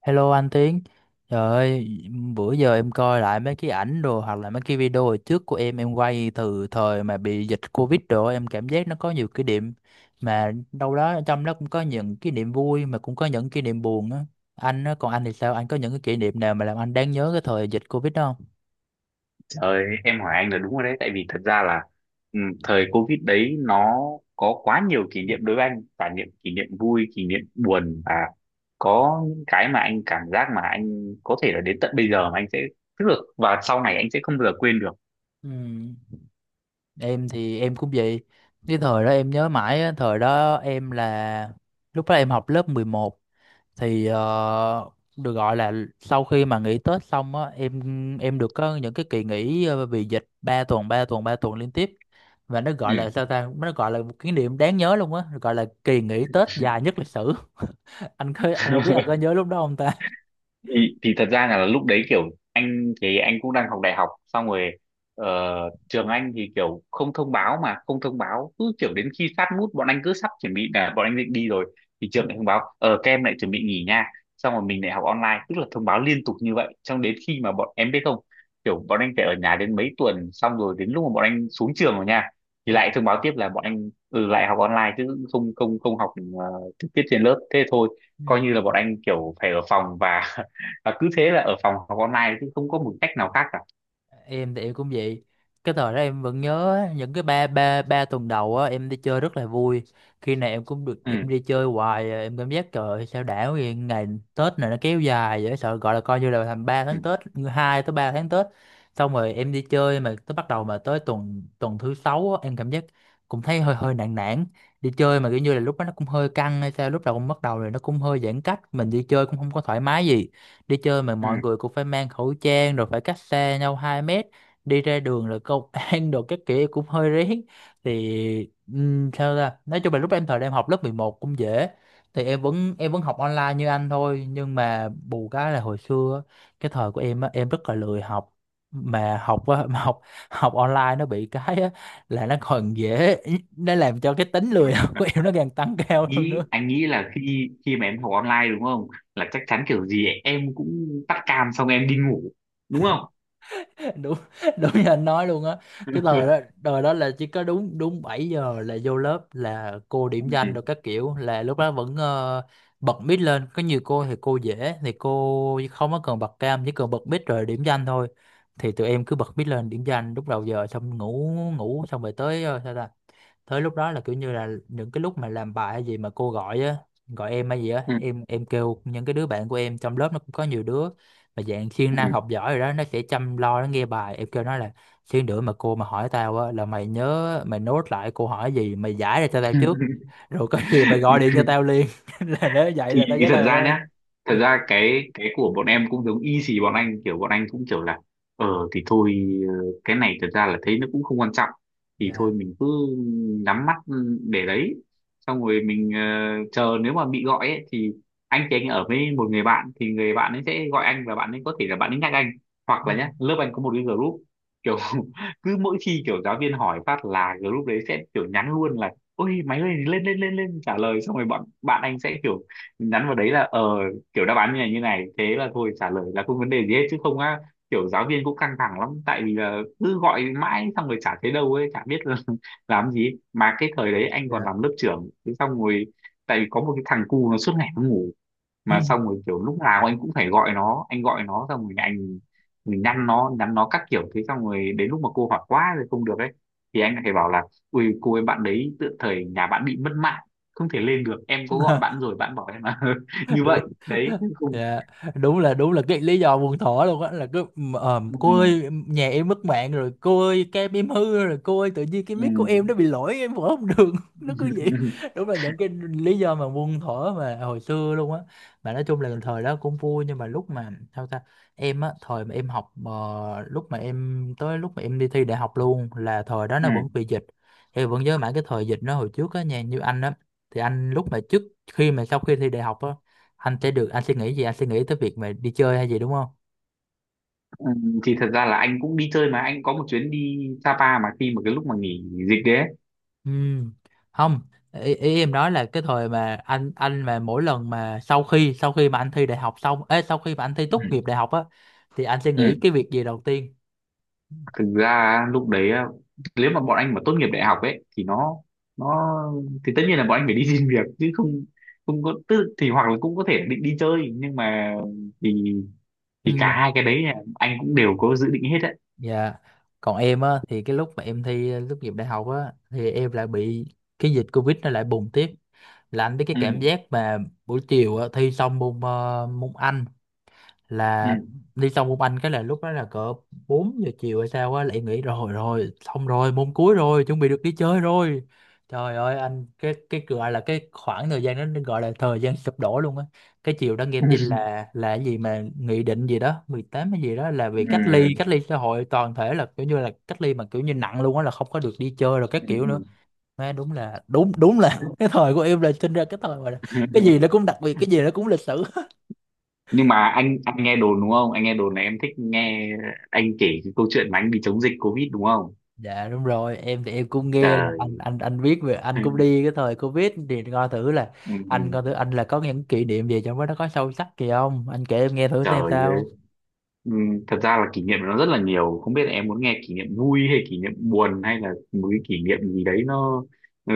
Hello anh Tiến, trời ơi, bữa giờ em coi lại mấy cái ảnh đồ hoặc là mấy cái video hồi trước của em quay từ thời mà bị dịch Covid đồ em cảm giác nó có nhiều kỷ niệm, mà đâu đó trong đó cũng có những kỷ niệm vui mà cũng có những kỷ niệm buồn á. Anh á, còn anh thì sao? Anh có những cái kỷ niệm nào mà làm anh đáng nhớ cái thời dịch Covid đó không? Ờ, em hỏi anh là đúng rồi đấy, tại vì thật ra là thời Covid đấy nó có quá nhiều kỷ niệm đối với anh, và những kỷ niệm vui kỷ niệm buồn, và có những cái mà anh cảm giác mà anh có thể là đến tận bây giờ mà anh sẽ tức là và sau này anh sẽ không bao giờ quên được. Ừ. Em thì em cũng vậy. Cái thời đó em nhớ mãi á, thời đó em là lúc đó em học lớp 11. Thì được gọi là sau khi mà nghỉ Tết xong á em được có những cái kỳ nghỉ vì dịch 3 tuần 3 tuần 3 tuần liên tiếp, và nó gọi Ừ. là sao ta, nó gọi là một kỷ niệm đáng nhớ luôn á, gọi là kỳ nghỉ Tết dài nhất lịch sử. Anh có, anh không biết anh có nhớ lúc đó không ta. thì thật ra là lúc đấy kiểu anh thì anh cũng đang học đại học xong rồi. ờ, Trường anh thì kiểu không thông báo mà không thông báo, cứ kiểu đến khi sát nút bọn anh cứ sắp chuẩn bị là bọn anh định đi rồi, thì Ừ. trường lại thông báo các em lại chuẩn bị nghỉ nha. Xong rồi mình lại học online, tức là thông báo liên tục như vậy, xong đến khi mà bọn em biết không, kiểu bọn anh phải ở nhà đến mấy tuần, xong rồi đến lúc mà bọn anh xuống trường rồi nha, thì lại Dạ. thông báo tiếp là bọn anh lại học online chứ không không không học ờ, trực tiếp trên lớp, thế thôi. Coi Ừ. như là bọn anh kiểu phải ở phòng và và cứ thế là ở phòng học online, chứ không có một cách nào khác cả. Em thì em cũng vậy. Cái thời đó em vẫn nhớ á, những cái ba ba ba tuần đầu á em đi chơi rất là vui, khi nào em cũng được Ừ. em đi chơi hoài à, em cảm giác trời ơi, sao đảo vậy, ngày Tết này nó kéo dài vậy sợ, gọi là coi như là thành 3 Ừ. tháng Tết, 2 tới 3 tháng Tết. Xong rồi em đi chơi mà tới bắt đầu mà tới tuần tuần thứ sáu á, em cảm giác cũng thấy hơi hơi nản nản, đi chơi mà kiểu như là lúc đó nó cũng hơi căng hay sao, lúc đầu cũng bắt đầu rồi nó cũng hơi giãn cách, mình đi chơi cũng không có thoải mái gì. Đi chơi mà mọi Ừ. người cũng phải mang khẩu trang rồi phải cách xa nhau 2 mét, đi ra đường rồi công an đồ các kiểu cũng hơi rén. Thì sao ta, nói chung là lúc em thời em học lớp 11 cũng dễ, thì em vẫn học online như anh thôi, nhưng mà bù cái là hồi xưa á, cái thời của em á em rất là lười học. Mà học, học online nó bị cái á, là nó còn dễ, nó làm cho cái tính lười học Mà của em nó càng tăng cao hơn nghĩ, nữa. anh nghĩ là khi khi mà em học online đúng không, là chắc chắn kiểu gì em cũng tắt cam xong em đi ngủ đúng không. Đúng, đúng như anh nói luôn á. Cái thời đó, thời đó là chỉ có đúng, đúng 7 giờ là vô lớp là cô điểm danh rồi Ừ. các kiểu, là lúc đó vẫn bật mic lên, có nhiều cô thì cô dễ thì cô không có cần bật cam, chỉ cần bật mic rồi điểm danh thôi. Thì tụi em cứ bật mic lên điểm danh lúc đầu giờ xong ngủ, ngủ xong rồi tới ờ, sao ta tới lúc đó là kiểu như là những cái lúc mà làm bài hay gì mà cô gọi á, gọi em hay gì á, Ừ. Em kêu những cái đứa bạn của em trong lớp, nó cũng có nhiều đứa mà dạng siêng Ừ. năng học giỏi rồi đó, nó sẽ chăm lo nó nghe bài, em kêu nó là xíu nữa mà cô mà hỏi tao á là mày nhớ mày nốt lại cô hỏi gì, mày giải ra cho tao trước, rồi có gì mày gọi điện cho tao liền là nếu vậy thì, là tao thì trả thật lời ra thôi. nhá, thật Dạ. ra cái của bọn em cũng giống y xì bọn anh, kiểu bọn anh cũng kiểu là thì thôi, ờ, cái này thật ra là thấy nó cũng không quan trọng thì thôi Dạ. mình cứ nhắm mắt để đấy, xong rồi mình chờ, nếu mà bị gọi ấy, thì anh ở với một người bạn, thì người bạn ấy sẽ gọi anh và bạn ấy có thể là bạn ấy nhắc anh, hoặc Ừ. là nhá lớp anh có một cái group kiểu cứ mỗi khi kiểu giáo viên hỏi phát là group đấy sẽ kiểu nhắn luôn là ôi máy ơi lên lên lên lên trả lời, xong rồi bọn bạn anh sẽ kiểu mình nhắn vào đấy là kiểu đáp án như này như này, thế là thôi trả lời là không vấn đề gì hết chứ không á, kiểu giáo viên cũng căng thẳng lắm tại vì là cứ gọi mãi xong rồi chả thấy đâu ấy chả biết là làm gì. Mà cái thời đấy anh còn Dạ. làm lớp trưởng, thế xong rồi tại vì có một cái thằng cu nó suốt ngày nó ngủ, Ừ. mà xong rồi kiểu lúc nào anh cũng phải gọi nó, anh gọi nó xong rồi anh mình nhắn nó các kiểu, thế xong rồi đến lúc mà cô hỏi quá rồi không được ấy thì anh lại phải bảo là ui cô ấy bạn đấy tựa thời nhà bạn bị mất mạng không thể lên được, em có gọi bạn rồi bạn bảo em là như Đúng. vậy đấy không. Dạ. Đúng là, đúng là cái lý do buồn thỏ luôn á là cứ cô Ừ. ơi nhà em mất mạng rồi, cô ơi cam em hư rồi, cô ơi tự nhiên cái Ừ. mic của em nó bị lỗi em mở không được, nó cứ vậy. Đúng là những cái lý do mà buồn thỏ mà hồi xưa luôn á. Mà nói chung là thời đó cũng vui, nhưng mà lúc mà sao ta, em á thời mà em học lúc mà em tới lúc mà em đi thi đại học luôn, là thời đó Ừ. nó vẫn bị dịch. Em vẫn nhớ mãi cái thời dịch nó hồi trước á nha, như anh á, thì anh lúc mà trước khi mà sau khi thi đại học á, anh sẽ được, anh sẽ nghĩ gì, anh sẽ nghĩ tới việc mà đi chơi hay gì đúng không? Ừ. Thì thật ra là anh cũng đi chơi, mà anh có một chuyến đi Sapa mà khi mà cái lúc mà nghỉ dịch đấy ấy. Ừ. Không, ý em nói là cái thời mà anh mà mỗi lần mà sau khi mà anh thi đại học xong ấy, sau khi mà anh thi tốt Ừ. nghiệp đại học á, thì anh sẽ nghĩ cái Ừ. việc gì đầu tiên. Thực ra á, lúc đấy á, nếu mà bọn anh mà tốt nghiệp đại học ấy thì nó thì tất nhiên là bọn anh phải đi xin việc chứ không, không có tức thì, hoặc là cũng có thể định đi chơi nhưng mà thì Ừ. thì cả hai cái đấy là anh cũng đều có dự định hết đấy. Dạ. Còn em á thì cái lúc mà em thi tốt nghiệp đại học á thì em lại bị cái dịch covid nó lại bùng tiếp. Là anh biết cái Ừ. cảm giác mà buổi chiều á, thi xong môn môn Anh Ừ. là, đi xong môn Anh cái là lúc đó là cỡ 4 giờ chiều hay sao á, lại nghĩ rồi rồi xong rồi môn cuối rồi chuẩn bị được đi chơi rồi. Trời ơi anh, cái gọi là cái khoảng thời gian đó gọi là thời gian sụp đổ luôn á. Cái chiều đó nghe tin Ừ. Là cái gì mà nghị định gì đó 18 hay gì đó là bị cách ly, Ừ. cách ly xã hội toàn thể, là kiểu như là cách ly mà kiểu như nặng luôn á, là không có được đi chơi rồi các kiểu nữa. Ừ. Má, đúng là đúng, đúng là cái thời của em là sinh ra cái thời mà cái Ừ. gì nó cũng đặc biệt, cái gì nó cũng lịch sử. Nhưng mà anh nghe đồn đúng không, anh nghe đồn là em thích nghe anh kể cái câu chuyện mà anh đi chống dịch covid đúng không. Dạ đúng rồi, em thì em cũng nghe là anh Trời. anh anh biết về anh cũng đi cái thời Covid, thì coi thử là anh coi thử, Ừ, anh là có những kỷ niệm gì trong đó nó có sâu sắc gì không? Anh kể em nghe thử xem trời ơi. sao. Ừ, thật ra là kỷ niệm nó rất là nhiều, không biết là em muốn nghe kỷ niệm vui hay kỷ niệm buồn hay là một cái kỷ niệm gì đấy nó. Ừ.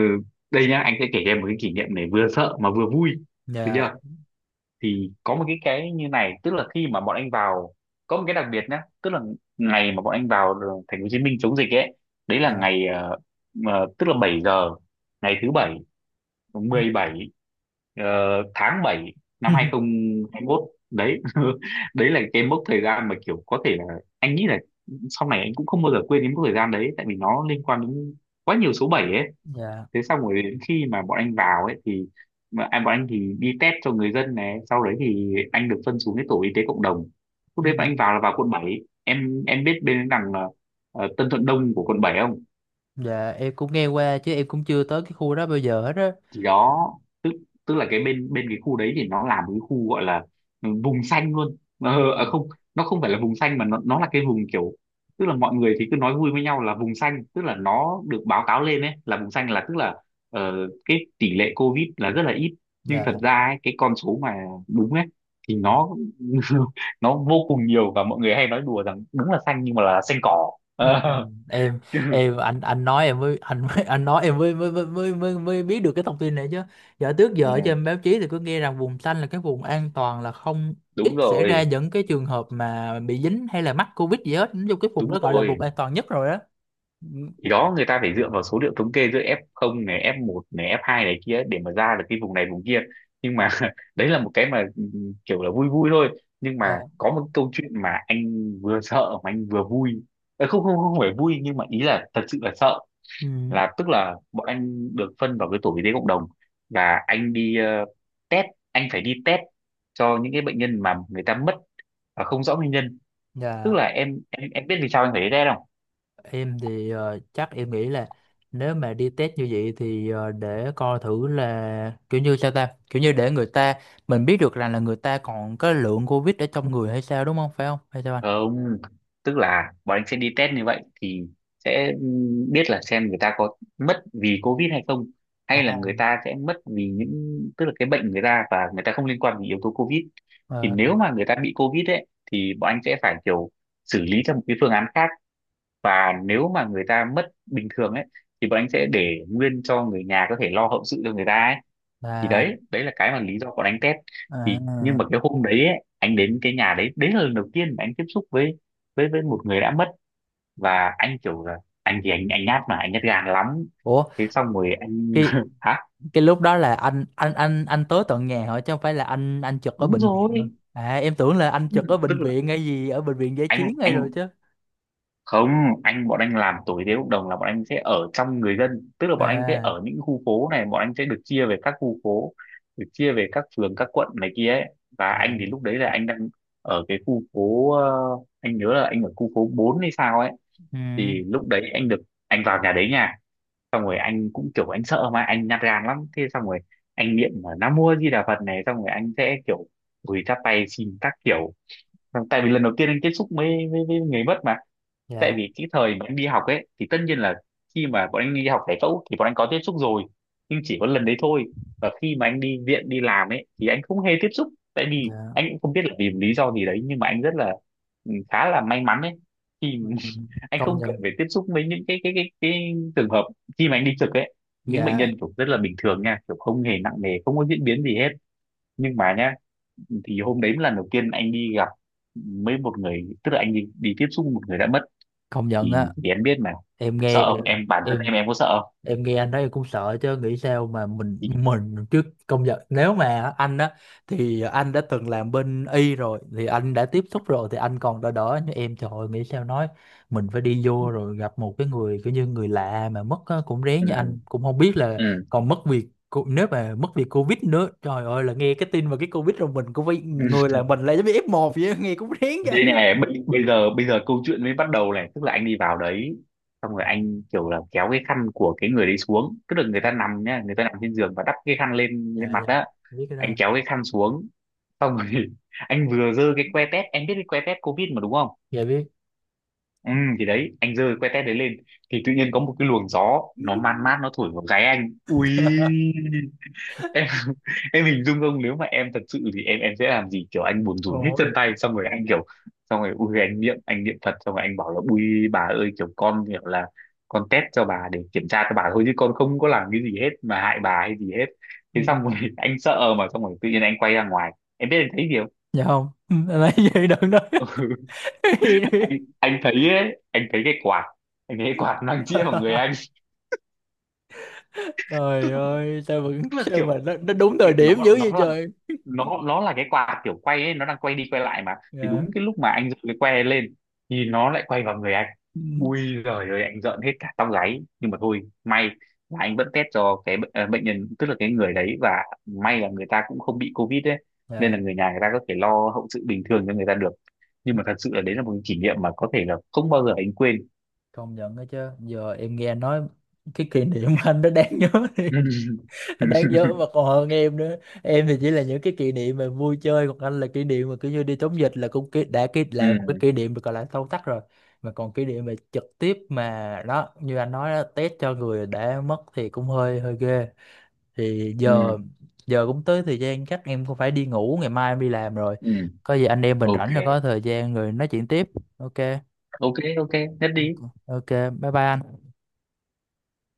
Đây nhá, anh sẽ kể cho em một cái kỷ niệm này vừa sợ mà vừa vui, được Dạ. chưa. Thì có một cái như này, tức là khi mà bọn anh vào có một cái đặc biệt nhá, tức là ngày mà bọn anh vào thành phố Hồ Chí Minh chống dịch ấy, đấy là Dạ. ngày tức là 7 giờ ngày thứ bảy Ừ. 17 ờ, tháng 7 năm 2021 đấy. Đấy là cái mốc thời gian mà kiểu có thể là anh nghĩ là sau này anh cũng không bao giờ quên đến mốc thời gian đấy, tại vì nó liên quan đến quá nhiều số 7 ấy. Dạ. Thế xong rồi đến khi mà bọn anh vào ấy thì mà anh bọn anh thì đi test cho người dân này, sau đấy thì anh được phân xuống cái tổ y tế cộng đồng. Lúc Ừ. đấy bọn anh vào là vào quận bảy, em biết bên đằng Tân Thuận Đông của quận 7 không. Dạ em cũng nghe qua chứ em cũng chưa tới cái khu đó bao giờ hết á. Thì đó, tức tức là cái bên bên cái khu đấy thì nó là một cái khu gọi là vùng xanh luôn, Ừ. À không, nó không phải là vùng xanh mà nó là cái vùng kiểu, tức là mọi người thì cứ nói vui với nhau là vùng xanh, tức là nó được báo cáo lên ấy là vùng xanh, là tức là cái tỷ lệ covid là rất là ít. Nhưng thật Dạ. ra ấy, cái con số mà đúng ấy thì nó nó vô cùng nhiều, và mọi người hay nói đùa rằng đúng là xanh nhưng mà là xanh cỏ. Ừ. Ờ, em em anh nói em mới anh nói em mới mới mới mới mới, mới biết được cái thông tin này chứ, giờ trước giờ ở trên ừ, báo chí thì cứ nghe rằng vùng xanh là cái vùng an toàn, là không đúng ít xảy ra rồi. những cái trường hợp mà bị dính hay là mắc covid gì hết, nói chung cái vùng Đúng đó gọi là rồi, vùng an toàn nhất rồi đó. Ừ. thì đó người ta phải dựa vào số liệu thống kê giữa F0 này F1 này F2 này kia để mà ra được cái vùng này vùng kia. Nhưng mà đấy là một cái mà kiểu là vui vui thôi, nhưng Dạ. mà có một câu chuyện mà anh vừa sợ mà anh vừa vui. Không không không phải vui, nhưng mà ý là thật sự là sợ. Ừ. Là tức là bọn anh được phân vào cái tổ y tế cộng đồng, và test anh phải đi test cho những cái bệnh nhân mà người ta mất và không rõ nguyên nhân. Tức Dạ. là em biết vì sao anh phải đi test không. Em thì chắc em nghĩ là nếu mà đi test như vậy thì để coi thử là kiểu như sao ta, kiểu như để người ta, mình biết được rằng là người ta còn cái lượng Covid ở trong người hay sao đúng không, phải không hay sao anh. Không, tức là bọn anh sẽ đi test như vậy thì sẽ biết là xem người ta có mất vì Covid hay không, hay là À, người ta sẽ mất vì những, tức là cái bệnh người ta và người ta không liên quan đến yếu tố Covid. Thì nếu ờ, mà người ta bị Covid ấy thì bọn anh sẽ phải kiểu xử lý theo một cái phương án khác, và nếu mà người ta mất bình thường ấy thì bọn anh sẽ để nguyên cho người nhà có thể lo hậu sự cho người ta ấy. Thì là đấy đấy là cái mà lý do có anh test. Thì nhưng à, mà cái hôm đấy ấy, anh đến cái nhà đấy, đấy là lần đầu tiên mà anh tiếp xúc với với một người đã mất. Và anh kiểu là anh thì anh nhát mà anh nhát gan lắm, ủa thế xong rồi anh cái hả. cái lúc đó là anh tới tận nhà hỏi chứ không phải là anh trực ở Đúng bệnh viện hả? rồi. À em tưởng là Ừ, anh trực ở tức bệnh là viện hay gì, ở bệnh viện giải chiến hay anh rồi chứ. không anh bọn anh làm tổ y tế cộng đồng là bọn anh sẽ ở trong người dân, tức là bọn anh sẽ À. ở những khu phố này, bọn anh sẽ được chia về các khu phố, được chia về các phường các quận này kia ấy. Và Dạ. anh thì lúc đấy là anh đang ở cái khu phố anh nhớ là anh ở khu phố 4 hay sao ấy. Ừ. Thì lúc đấy anh được, anh vào nhà đấy nha, xong rồi anh cũng kiểu anh sợ mà anh nhát gan lắm, thế xong rồi anh niệm là Nam Mô A Di Đà Phật này, xong rồi anh sẽ kiểu gửi chắp tay xin các kiểu. Xong tại vì lần đầu tiên anh tiếp xúc với người mất mà, tại Dạ. vì cái thời bọn anh đi học ấy thì tất nhiên là khi mà bọn anh đi học giải phẫu thì bọn anh có tiếp xúc rồi, nhưng chỉ có lần đấy thôi. Và khi mà anh đi viện đi làm ấy thì anh không hề tiếp xúc, tại vì Dạ. anh cũng không biết là vì một lý do gì đấy nhưng mà anh rất là khá là may mắn ấy. Thì Ừ, anh công không cần nhận. phải tiếp xúc với những cái trường hợp khi mà anh đi trực ấy, những bệnh Dạ. nhân kiểu rất là bình thường nha, kiểu không hề nặng nề, không có diễn biến gì hết nhưng mà nhá. Thì hôm đấy là lần đầu tiên anh đi gặp với một người, tức là anh đi tiếp xúc một người đã mất. Công nhận thì, á. thì em biết mà, Em nghe sợ không em, em, bản thân em em có sợ không. em nghe anh nói em cũng sợ chứ, nghĩ sao mà mình Thì- mình chứ công nhận, nếu mà anh á thì anh đã từng làm bên y rồi, thì anh đã tiếp xúc rồi thì anh còn đỡ, đỡ như em trời ơi, nghĩ sao nói mình phải đi vô rồi gặp một cái người kiểu như người lạ mà mất á, cũng rén như ừ. anh, cũng không biết là Ừ. còn mất việc cô- nếu mà mất việc covid nữa trời ơi, là nghe cái tin mà cái covid rồi mình cũng phải người là mình lại giống như F1 vậy á, nghe cũng rén Đây chứ. này, bây giờ câu chuyện mới bắt đầu này, tức là anh đi vào đấy xong rồi anh kiểu là kéo cái khăn của cái người đấy xuống, tức là người ta Dạ. nằm nhá, người ta nằm trên giường và đắp cái khăn lên lên Dạ. mặt Dạ đó. biết cái Anh đó. kéo cái khăn xuống xong rồi anh vừa giơ cái que tét, em biết cái que tét covid mà đúng không. Dạ Ừ. Thì đấy anh giơ cái que tét đấy lên thì tự nhiên có một cái luồng gió biết. nó man mát nó thổi vào gáy anh, ui em. Em hình dung không, nếu mà em thật sự thì em sẽ làm gì, kiểu anh buồn rùn hết Ôi. chân tay xong rồi anh kiểu xong rồi ui anh niệm, anh niệm Phật xong rồi anh bảo là ui bà ơi, kiểu con kiểu là con test cho bà để kiểm tra cho bà thôi chứ con không có làm cái gì hết mà hại bà hay gì hết. Ừ. Thế xong rồi anh sợ mà xong rồi tự nhiên anh quay ra ngoài, em biết anh thấy gì không. Dạ không. Ừ, lấy gì đừng nói. Cái gì đi. Anh thấy ấy, anh thấy cái quạt, anh thấy cái quạt đang chĩa vào người anh. Trời tức, ơi sao vẫn tức là sao kiểu mà nó đúng thời Cái- nó điểm dữ nó vậy là trời. nó là cái quạt kiểu quay ấy, nó đang quay đi quay lại mà. Thì Dạ. đúng cái lúc mà anh giơ cái que lên thì nó lại quay vào người anh. Ừ. Ui giời ơi anh rợn hết cả tóc gáy, nhưng mà thôi may là anh vẫn test cho cái bệnh nhân, tức là cái người đấy, và may là người ta cũng không bị covid đấy, nên Dạ. là người nhà người ta có thể lo hậu sự bình thường cho người ta được. Nhưng mà thật sự là đấy là một cái kỷ niệm mà có thể là không bao giờ anh quên. Công nhận đó chứ. Giờ em nghe anh nói cái kỷ niệm anh nó đáng nhớ, đáng nhớ mà còn hơn em nữa. Em thì chỉ là những cái kỷ niệm mà vui chơi, còn anh là kỷ niệm mà kiểu như đi chống dịch là cũng kỷ- đã kỷ Ừ. là một cái kỷ niệm được gọi là sâu sắc rồi, mà còn kỷ niệm mà trực tiếp mà đó như anh nói đó, test cho người đã mất thì cũng hơi hơi ghê. Thì Ừ. giờ, giờ cũng tới thời gian chắc em cũng phải đi ngủ, ngày mai em đi làm rồi, Ừ. có gì anh em mình Ok. rảnh rồi có thời gian rồi nói chuyện tiếp. Ok. Ok. Ok nhất đi. Ok. Bye bye anh.